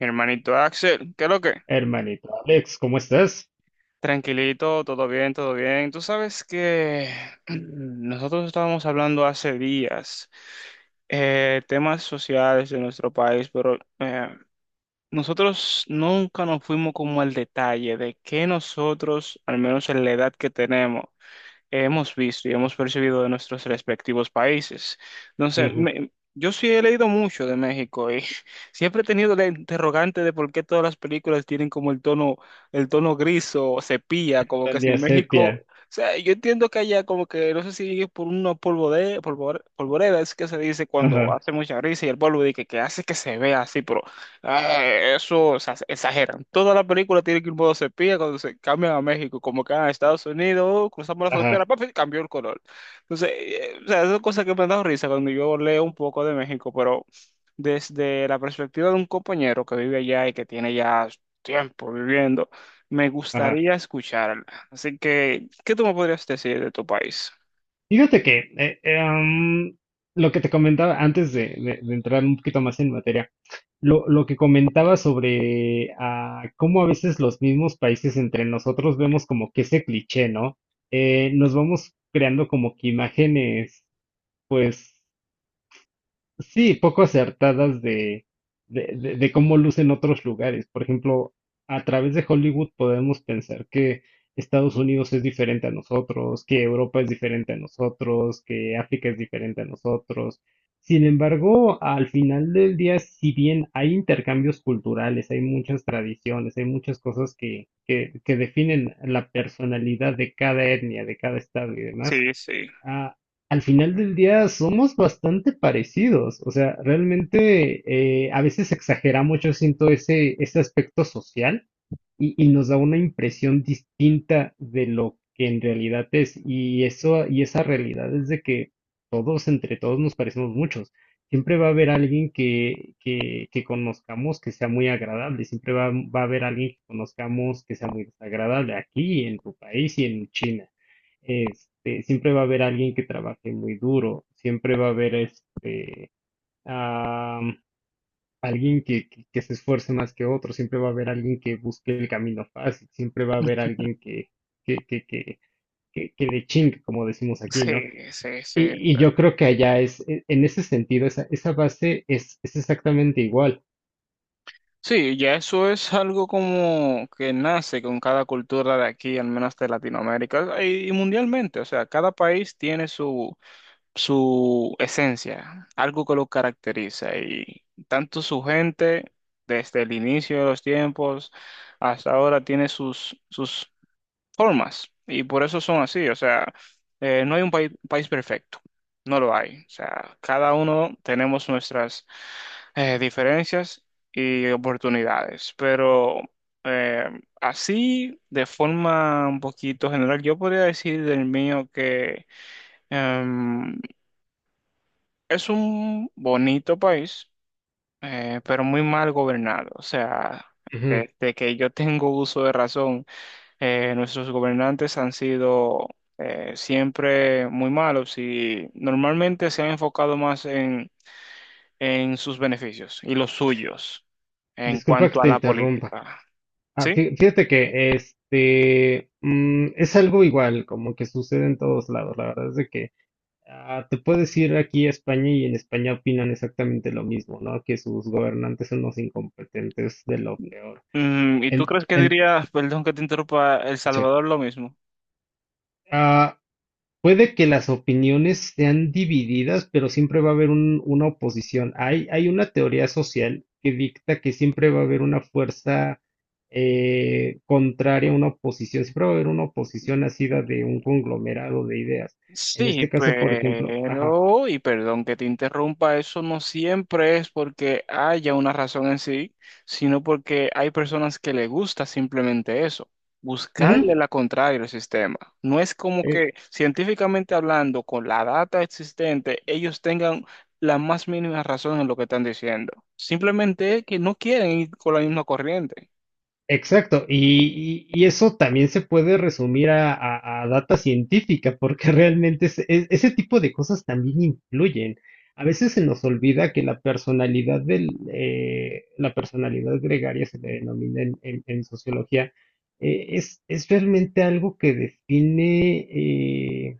Mi hermanito Axel, ¿qué es lo que? Hermanito Alex, ¿cómo estás? Tranquilito, todo bien, todo bien. Tú sabes que nosotros estábamos hablando hace días temas sociales de nuestro país, pero nosotros nunca nos fuimos como al detalle de que nosotros, al menos en la edad que tenemos, hemos visto y hemos percibido de nuestros respectivos países. Entonces, Ujú. Yo sí he leído mucho de México y siempre he tenido la interrogante de por qué todas las películas tienen como el tono gris o sepia, como que si Tania México, o Sepia. sea, yo entiendo que allá como que no sé si es por una polvoreda, polvoreda es que se dice cuando Ajá, hace mucha risa y el polvo dice que hace que se vea así, pero ah, eso, o sea, exageran. Toda la película tiene que ir en modo sepia cuando se cambian a México, como que a Estados Unidos, oh, cruzamos la frontera, ajá, papi, cambió el color. Entonces, o sea, esas cosas que me han dado risa cuando yo leo un poco de México, pero desde la perspectiva de un compañero que vive allá y que tiene ya tiempo viviendo, me ajá. gustaría escucharla. Así que, ¿qué tú me podrías decir de tu país? Fíjate que lo que te comentaba antes de entrar un poquito más en materia, lo que comentaba sobre cómo a veces los mismos países entre nosotros vemos como que ese cliché, ¿no? Nos vamos creando como que imágenes, pues, sí, poco acertadas de cómo lucen otros lugares. Por ejemplo, a través de Hollywood podemos pensar que Estados Unidos es diferente a nosotros, que Europa es diferente a nosotros, que África es diferente a nosotros. Sin embargo, al final del día, si bien hay intercambios culturales, hay muchas tradiciones, hay muchas cosas que definen la personalidad de cada etnia, de cada estado y demás. Sí, sí, Ah, Al final del día somos bastante parecidos, o sea, realmente a veces exagera mucho, siento ese aspecto social, y nos da una impresión distinta de lo que en realidad es. Y esa realidad es de que todos, entre todos, nos parecemos muchos. Siempre va a haber alguien que conozcamos que sea muy agradable, siempre va a haber alguien que conozcamos que sea muy desagradable aquí, en tu país y en China. Este, siempre va a haber alguien que trabaje muy duro, siempre va a haber este, alguien que se esfuerce más que otro, siempre va a haber alguien que busque el camino fácil, siempre va a haber alguien que, que, que, que le chingue, como decimos aquí, sí, ¿no? sí, sí. Y yo creo que allá es, en ese sentido, esa base es exactamente igual. Sí, ya eso es algo como que nace con cada cultura de aquí, al menos de Latinoamérica y mundialmente. O sea, cada país tiene su, su esencia, algo que lo caracteriza. Y tanto su gente, desde el inicio de los tiempos hasta ahora, tiene sus, sus formas y por eso son así. O sea, no hay un país, país perfecto, no lo hay. O sea, cada uno tenemos nuestras diferencias y oportunidades, pero eh, así, de forma un poquito general, yo podría decir del mío que em, es un bonito país, pero muy mal gobernado. O sea, Ujú. desde que yo tengo uso de razón. Nuestros gobernantes han sido siempre muy malos y normalmente se han enfocado más en sus beneficios y los suyos en Disculpa que cuanto a te la interrumpa. política. Ah, ¿Sí? Fíjate que este mm, es algo igual, como que sucede en todos lados. La verdad es de que ah, te puedes ir aquí a España y en España opinan exactamente lo mismo, ¿no? Que sus gobernantes son unos incompetentes de lo peor. Mm, ¿y tú En, crees que en- diría, perdón que te interrumpa, El sí. Salvador lo mismo? Ah, puede que las opiniones sean divididas, pero siempre va a haber una oposición. Hay una teoría social que dicta que siempre va a haber una fuerza contraria, una oposición. Siempre va a haber una oposición nacida de un conglomerado de ideas. En Sí, este caso, por ejemplo, ajá. pero, y perdón que te interrumpa, eso no siempre es porque haya una razón en sí, sino porque hay personas que le gusta simplemente eso, Ujú, buscarle la contraria al sistema. No es como eh, que científicamente hablando, con la data existente, ellos tengan la más mínima razón en lo que están diciendo. Simplemente es que no quieren ir con la misma corriente. exacto, y eso también se puede resumir a, a data científica, porque realmente ese tipo de cosas también influyen. A veces se nos olvida que la personalidad del, la personalidad gregaria se le denomina en, en sociología, es realmente algo que define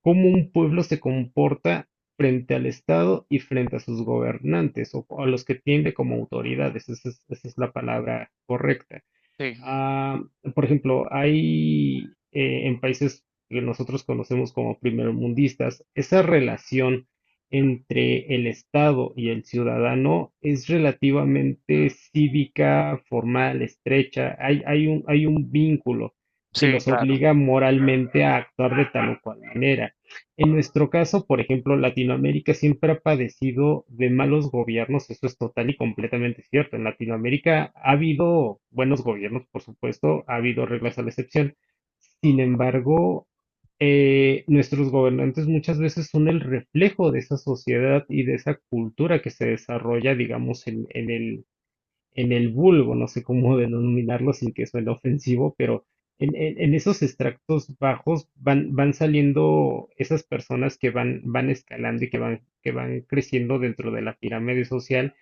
cómo un pueblo se comporta frente al Estado y frente a sus gobernantes o a los que tiende como autoridades. Esa es la palabra correcta. Sí, Ah, por ejemplo, hay en países que nosotros conocemos como primermundistas, esa relación entre el Estado y el ciudadano es relativamente cívica, formal, estrecha. Hay un vínculo que sí, los claro. obliga moralmente a actuar de tal o cual manera. En nuestro caso, por ejemplo, Latinoamérica siempre ha padecido de malos gobiernos, eso es total y completamente cierto. En Latinoamérica ha habido buenos gobiernos, por supuesto, ha habido reglas a la excepción. Sin embargo, nuestros gobernantes muchas veces son el reflejo de esa sociedad y de esa cultura que se desarrolla, digamos, en el vulgo, no sé cómo denominarlo sin que suene ofensivo, pero en esos extractos bajos van saliendo esas personas que van, van escalando y que van creciendo dentro de la pirámide social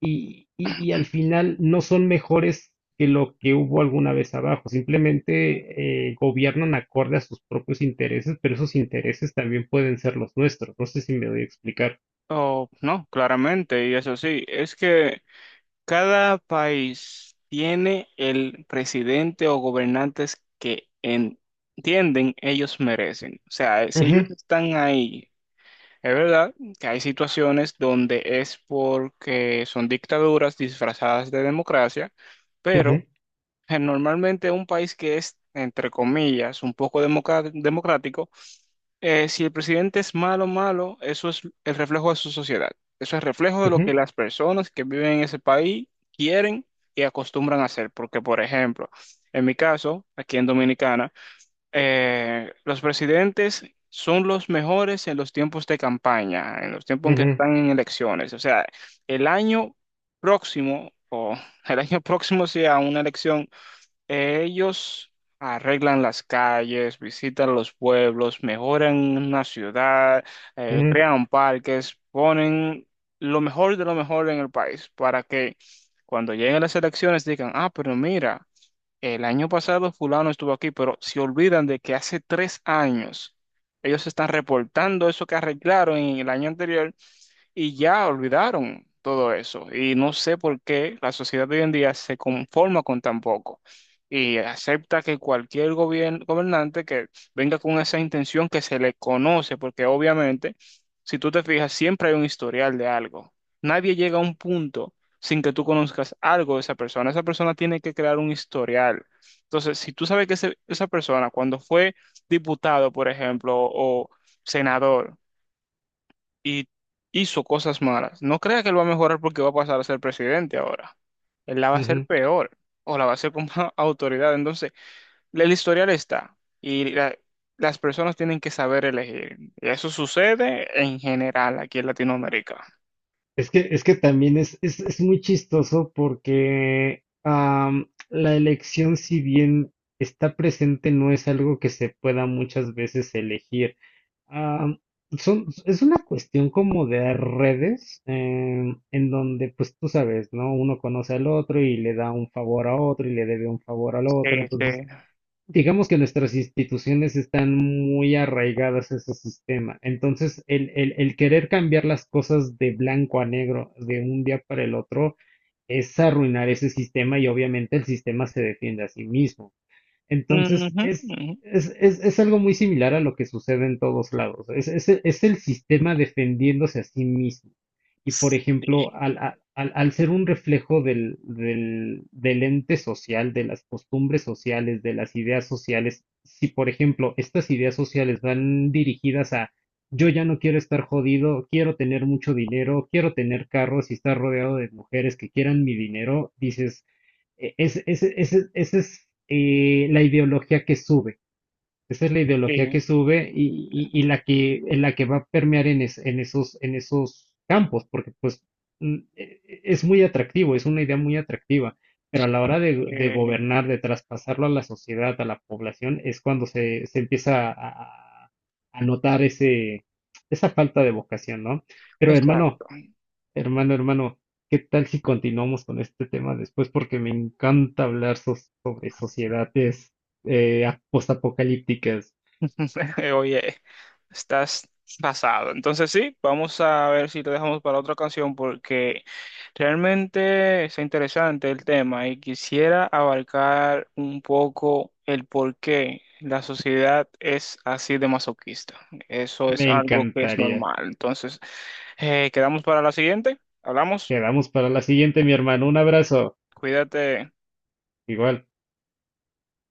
y al final no son mejores que lo que hubo alguna vez abajo, simplemente gobiernan acorde a sus propios intereses, pero esos intereses también pueden ser los nuestros, no sé si me doy a explicar. Oh, no, claramente, y eso sí, es que cada país tiene el presidente o gobernantes que entienden ellos merecen. O sea, si ellos Ujú, están ahí, es verdad que hay situaciones donde es porque son dictaduras disfrazadas de democracia, ujú, pero normalmente un país que es, entre comillas, un poco democrático, si el presidente es malo, malo, eso es el reflejo de su sociedad. Eso es reflejo de lo ujú, que las personas que viven en ese país quieren y acostumbran a hacer. Porque, por ejemplo, en mi caso, aquí en Dominicana, los presidentes son los mejores en los tiempos de campaña, en los tiempos en que ujú, están en elecciones. O sea, el año próximo o el año próximo sea una elección. Ellos arreglan las calles, visitan los pueblos, mejoran una ciudad, ujú, crean parques, ponen lo mejor de lo mejor en el país para que cuando lleguen las elecciones digan, ah, pero mira, el año pasado fulano estuvo aquí, pero se olvidan de que hace tres años ellos están reportando eso que arreglaron en el año anterior y ya olvidaron todo eso. Y no sé por qué la sociedad de hoy en día se conforma con tan poco y acepta que cualquier gobernante que venga con esa intención que se le conoce, porque obviamente, si tú te fijas, siempre hay un historial de algo. Nadie llega a un punto sin que tú conozcas algo de esa persona. Esa persona tiene que crear un historial. Entonces, si tú sabes que esa persona, cuando fue diputado, por ejemplo, o senador, y hizo cosas malas. No crea que él va a mejorar porque va a pasar a ser presidente ahora. Él la va a hacer ujú. peor o la va a hacer con más autoridad. Entonces, el historial está y las personas tienen que saber elegir. Y eso sucede en general aquí en Latinoamérica. Es que también es muy chistoso porque am, la elección, si bien está presente, no es algo que se pueda muchas veces elegir. Am, es una cuestión como de redes em, en donde, pues tú sabes, ¿no? Uno conoce al otro y le da un favor a otro y le debe un favor al Sí, otro. sí. Entonces, digamos que nuestras instituciones están muy arraigadas a ese sistema. Entonces, el querer cambiar las cosas de blanco a negro de un día para el otro es arruinar ese sistema y obviamente el sistema se defiende a sí mismo. Ujú, Entonces, ujú. Es algo muy similar a lo que sucede en todos lados. Es el sistema defendiéndose a sí mismo. Y, por Sí, ejemplo, al ser un reflejo del ente social, de las costumbres sociales, de las ideas sociales, si, por ejemplo, estas ideas sociales van dirigidas a yo ya no quiero estar jodido, quiero tener mucho dinero, quiero tener carros y estar rodeado de mujeres que quieran mi dinero, dices, esa es la ideología que sube. Esa es la ideología sí. que sube y la que, en la que va a permear en, en esos campos, porque pues mm, es muy atractivo, es una idea muy atractiva, pero a la hora de Eh, gobernar, de traspasarlo a la sociedad, a la población, es cuando se empieza a notar ese, esa falta de vocación, ¿no? Pero hermano, exacto. hermano, hermano, ¿qué tal si continuamos con este tema después? Porque me encanta hablar sobre sociedades postapocalípticas. Oye, estás pasado. Entonces sí, vamos a ver si te dejamos para otra canción porque realmente es interesante el tema y quisiera abarcar un poco el por qué la sociedad es así de masoquista. Eso es Me algo que es encantaría. normal. Entonces, quedamos para la siguiente. Hablamos. Quedamos para la siguiente, mi hermano. Un abrazo. Cuídate. Igual.